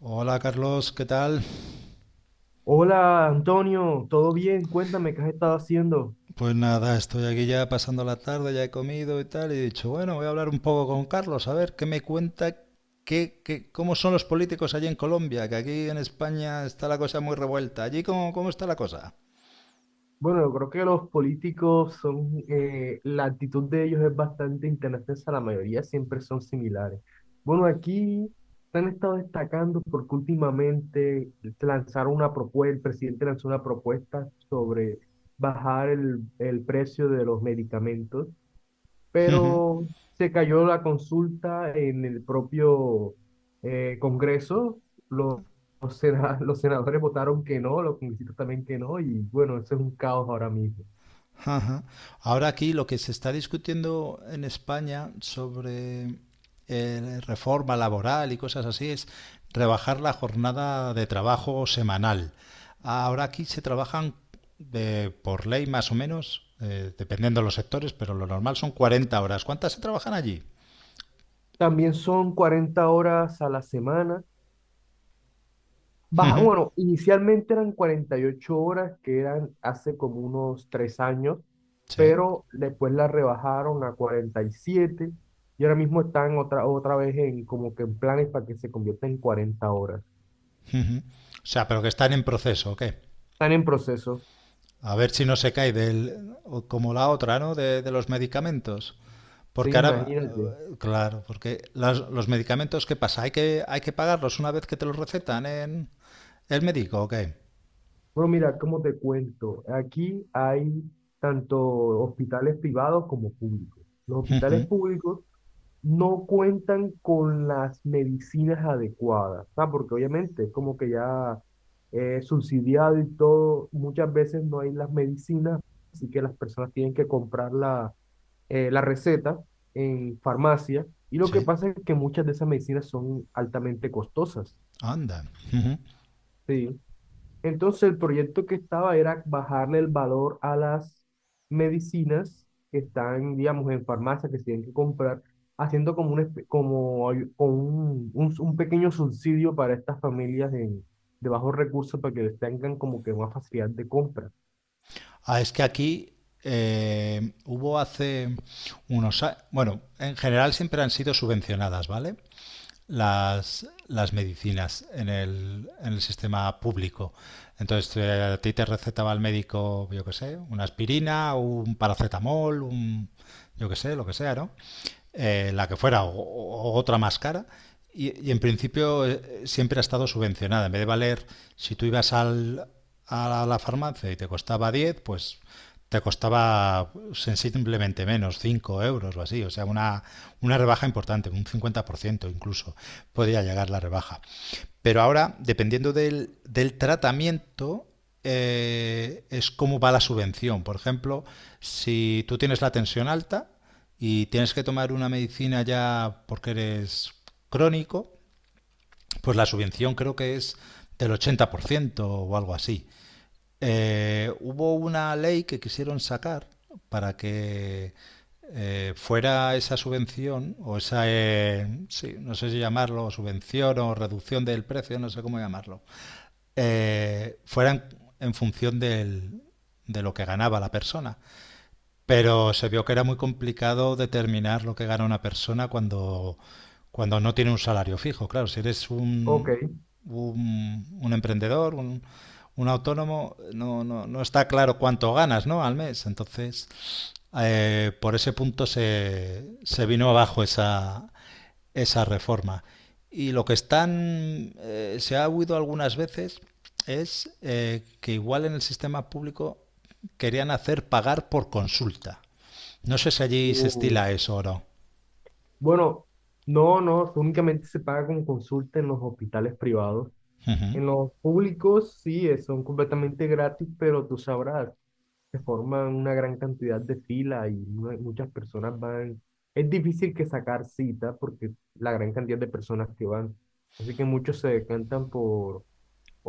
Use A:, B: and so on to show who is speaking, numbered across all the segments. A: Hola Carlos, ¿qué tal?
B: Hola Antonio, ¿todo bien? Cuéntame, ¿qué has estado haciendo?
A: Pues nada, estoy aquí ya pasando la tarde, ya he comido y tal, y he dicho, bueno, voy a hablar un poco con Carlos, a ver qué me cuenta, cómo son los políticos allí en Colombia, que aquí en España está la cosa muy revuelta. ¿Allí cómo está la cosa?
B: Bueno, yo creo que los políticos son, la actitud de ellos es bastante intensa, la mayoría siempre son similares. Bueno, aquí se han estado destacando porque últimamente se lanzaron una propuesta, el presidente lanzó una propuesta sobre bajar el precio de los medicamentos, pero se cayó la consulta en el propio Congreso. Los los senadores votaron que no, los congresistas también que no, y bueno, eso es un caos ahora mismo.
A: Ajá. Ahora aquí lo que se está discutiendo en España sobre reforma laboral y cosas así es rebajar la jornada de trabajo semanal. Ahora aquí se trabajan por ley más o menos, dependiendo de los sectores, pero lo normal son 40 horas. ¿Cuántas se trabajan allí?
B: También son 40 horas a la semana. Baja,
A: Ujú.
B: bueno, inicialmente eran 48 horas, que eran hace como unos 3 años,
A: Sí.
B: pero después la rebajaron a 47 y siete y ahora mismo están otra vez en como que en planes para que se convierta en 40 horas.
A: O sea, pero que están en proceso, ¿o qué?
B: Están en proceso,
A: A ver si no se cae del, o como la otra, ¿no? De los medicamentos.
B: sí,
A: Porque ahora,
B: imagínate.
A: claro, porque los medicamentos, ¿qué pasa? ¿Hay que pagarlos una vez que te los recetan en el médico o qué?
B: Bueno, mira, cómo te cuento, aquí hay tanto hospitales privados como públicos. Los hospitales públicos no cuentan con las medicinas adecuadas, ¿sabes? Porque obviamente es como que ya subsidiado y todo, muchas veces no hay las medicinas, así que las personas tienen que comprar la, la receta en farmacia. Y lo que
A: Sí,
B: pasa es que muchas de esas medicinas son altamente costosas,
A: anda. Ujú.
B: ¿sí? Entonces el proyecto que estaba era bajarle el valor a las medicinas que están, digamos, en farmacia, que se tienen que comprar, haciendo como un, como un, pequeño subsidio para estas familias de bajos recursos para que les tengan como que más facilidad de compra.
A: Ah, es que aquí hubo hace unos años, bueno, en general siempre han sido subvencionadas, ¿vale? Las medicinas en en el sistema público. Entonces, a ti te recetaba el médico, yo qué sé, una aspirina, un paracetamol, un, yo qué sé, lo que sea, ¿no? La que fuera, o otra más cara. Y en principio siempre ha estado subvencionada. En vez de valer, si tú ibas al, a la, farmacia y te costaba diez, pues te costaba sensiblemente menos, 5 euros o así, o sea, una rebaja importante, un 50% incluso podía llegar la rebaja. Pero ahora, dependiendo del tratamiento, es cómo va la subvención. Por ejemplo, si tú tienes la tensión alta y tienes que tomar una medicina ya porque eres crónico, pues la subvención creo que es del 80% o algo así. Hubo una ley que quisieron sacar para que fuera esa subvención o esa, sí, no sé si llamarlo subvención o reducción del precio, no sé cómo llamarlo, fueran en función del- de lo que ganaba la persona. Pero se vio que era muy complicado determinar lo que gana una persona cuando no tiene un salario fijo. Claro, si eres
B: Ok.
A: un emprendedor, un autónomo, no, no, no está claro cuánto ganas, ¿no? Al mes. Entonces, por ese punto se, se vino abajo esa, esa reforma. Y lo que están, se ha huido algunas veces es que igual en el sistema público querían hacer pagar por consulta. No sé si allí se
B: Uh,
A: estila eso o no.
B: bueno, no, no, únicamente se paga con consulta en los hospitales privados.
A: Ujú.
B: En los públicos sí, son completamente gratis, pero tú sabrás, se forman una gran cantidad de filas y muchas personas van. Es difícil que sacar cita porque la gran cantidad de personas que van. Así que muchos se decantan por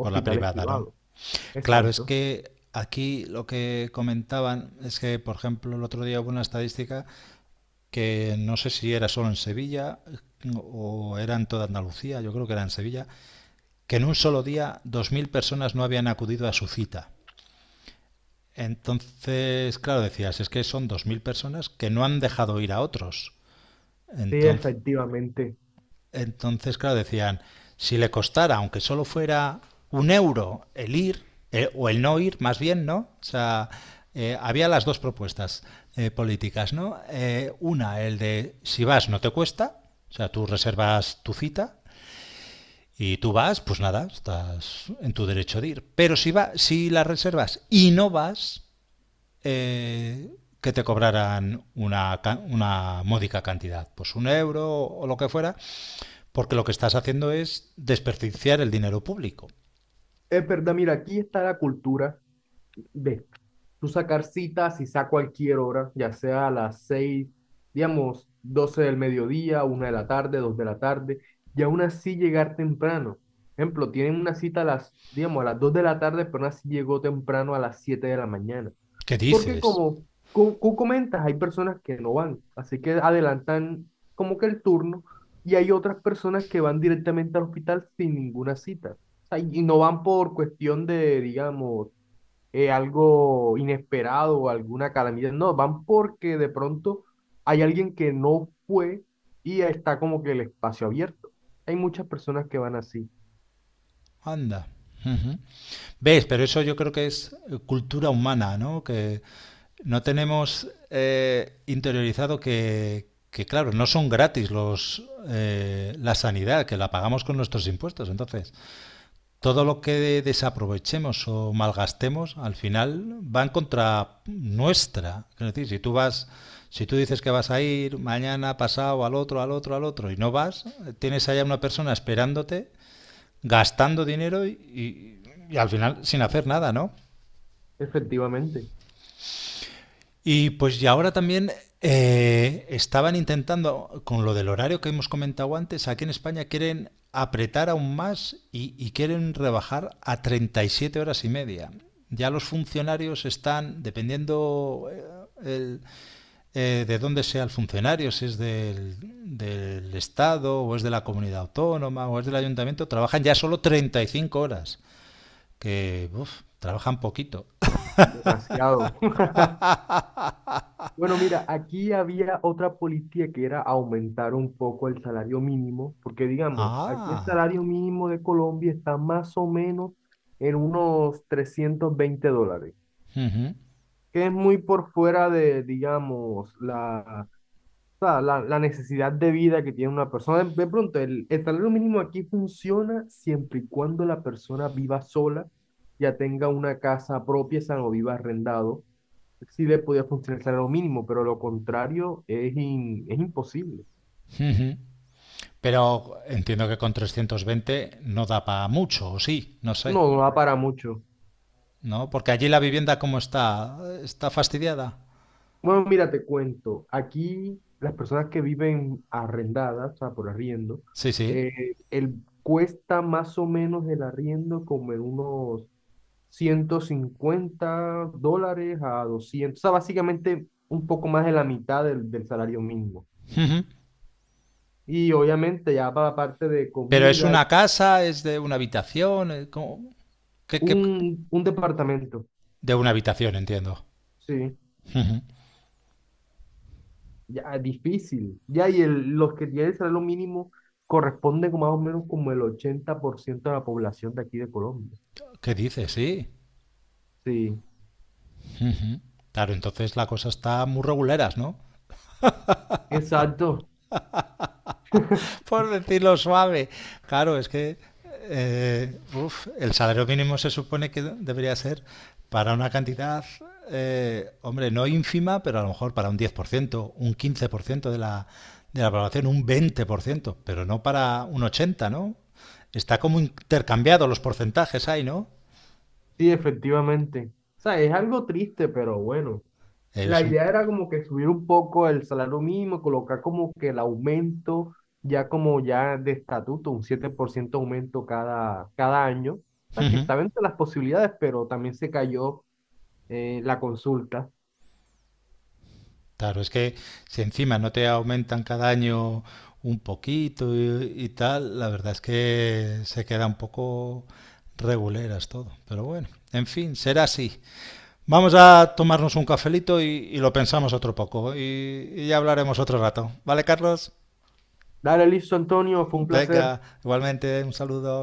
A: Por la privada, ¿no?
B: privados.
A: Claro, es
B: Exacto.
A: que aquí lo que comentaban es que, por ejemplo, el otro día hubo una estadística que no sé si era solo en Sevilla o era en toda Andalucía, yo creo que era en Sevilla, que en un solo día 2.000 personas no habían acudido a su cita. Entonces, claro, decías, es que son 2.000 personas que no han dejado ir a otros.
B: Sí,
A: Entonces,
B: efectivamente.
A: entonces, claro, decían, si le costara, aunque solo fuera un euro el ir, o el no ir, más bien, ¿no? O sea, había las dos propuestas políticas, ¿no? Una, el de si vas no te cuesta, o sea, tú reservas tu cita y tú vas, pues nada, estás en tu derecho de ir. Pero si la reservas y no vas, eh, que te cobraran una módica cantidad, pues un euro o lo que fuera, porque lo que estás haciendo es desperdiciar el dinero público.
B: Es verdad, mira, aquí está la cultura de tú sacar citas y a cualquier hora, ya sea a las 6, digamos, 12 del mediodía, 1 de la tarde, 2 de la tarde, y aún así llegar temprano. Ejemplo, tienen una cita a las, digamos, a las 2 de la tarde, pero aún así llegó temprano a las 7 de la mañana.
A: ¿Qué
B: Porque
A: dices?
B: como tú comentas, hay personas que no van, así que adelantan como que el turno y hay otras personas que van directamente al hospital sin ninguna cita. O sea, y no van por cuestión de, digamos, algo inesperado o alguna calamidad, no, van porque de pronto hay alguien que no fue y está como que el espacio abierto. Hay muchas personas que van así,
A: Anda. Ujú. ¿Ves? Pero eso yo creo que es cultura humana, ¿no? Que no tenemos interiorizado que, claro, no son gratis la sanidad, que la pagamos con nuestros impuestos. Entonces, todo lo que desaprovechemos o malgastemos al final va en contra nuestra. Es decir, si tú vas, si tú dices que vas a ir mañana, pasado, al otro, al otro, al otro y no vas, tienes allá una persona esperándote, gastando dinero y al final sin hacer nada, ¿no?
B: efectivamente,
A: Y pues y ahora también estaban intentando, con lo del horario que hemos comentado antes, aquí en España quieren apretar aún más y quieren rebajar a 37 horas y media. Ya los funcionarios están, dependiendo de dónde sea el funcionario, si es del Estado o es de la comunidad autónoma o es del ayuntamiento, trabajan ya solo 35 horas, que uf, trabajan poquito.
B: demasiado. Bueno, mira, aquí había otra política que era aumentar un poco el salario mínimo, porque digamos, aquí el
A: Ah,
B: salario mínimo de Colombia está más o menos en unos 320 dólares,
A: ujú.
B: que es muy por fuera de, digamos, la, o sea, la necesidad de vida que tiene una persona. De pronto, el salario mínimo aquí funciona siempre y cuando la persona viva sola, ya tenga una casa propia, o sea, no viva arrendado, sí le podía funcionar el salario mínimo, pero lo contrario es, es imposible.
A: Pero entiendo que con 320 no da para mucho, o sí, no sé,
B: No, no da para mucho.
A: ¿no? Porque allí la vivienda cómo está, está fastidiada.
B: Bueno, mira, te cuento. Aquí las personas que viven arrendadas, o sea, por arriendo,
A: Sí, sí.
B: eh, el, cuesta más o menos el arriendo como en unos 150 dólares a 200, o sea, básicamente un poco más de la mitad del salario mínimo. Y obviamente ya para la parte de
A: Pero es
B: comida,
A: una casa, es de una habitación, ¿cómo? ¿Qué?
B: un, departamento,
A: De una habitación, entiendo.
B: sí. Ya, ah, difícil. Ya, y el, los que tienen el salario mínimo corresponden con más o menos como el 80% de la población de aquí de Colombia.
A: ¿Qué dices? Sí.
B: Sí,
A: Claro, entonces la cosa está muy reguleras, ¿no?
B: exacto.
A: Por decirlo suave. Claro, es que uf, el salario mínimo se supone que debería ser para una cantidad, hombre, no ínfima, pero a lo mejor para un 10%, un 15% de la población, un 20%, pero no para un 80%, ¿no? Está como intercambiado los porcentajes ahí, ¿no?
B: Sí, efectivamente. O sea, es algo triste, pero bueno. La
A: Es un...
B: idea era como que subir un poco el salario mínimo, colocar como que el aumento ya como ya de estatuto, un 7% aumento cada año. O sea, que
A: Ujú.
B: estaba entre las posibilidades, pero también se cayó la consulta.
A: Claro, es que si encima no te aumentan cada año un poquito y tal, la verdad es que se queda un poco reguleras todo. Pero bueno, en fin, será así. Vamos a tomarnos un cafelito y lo pensamos otro poco y ya hablaremos otro rato. ¿Vale, Carlos?
B: Dale, listo, Antonio, fue un placer.
A: Venga, igualmente, un saludo.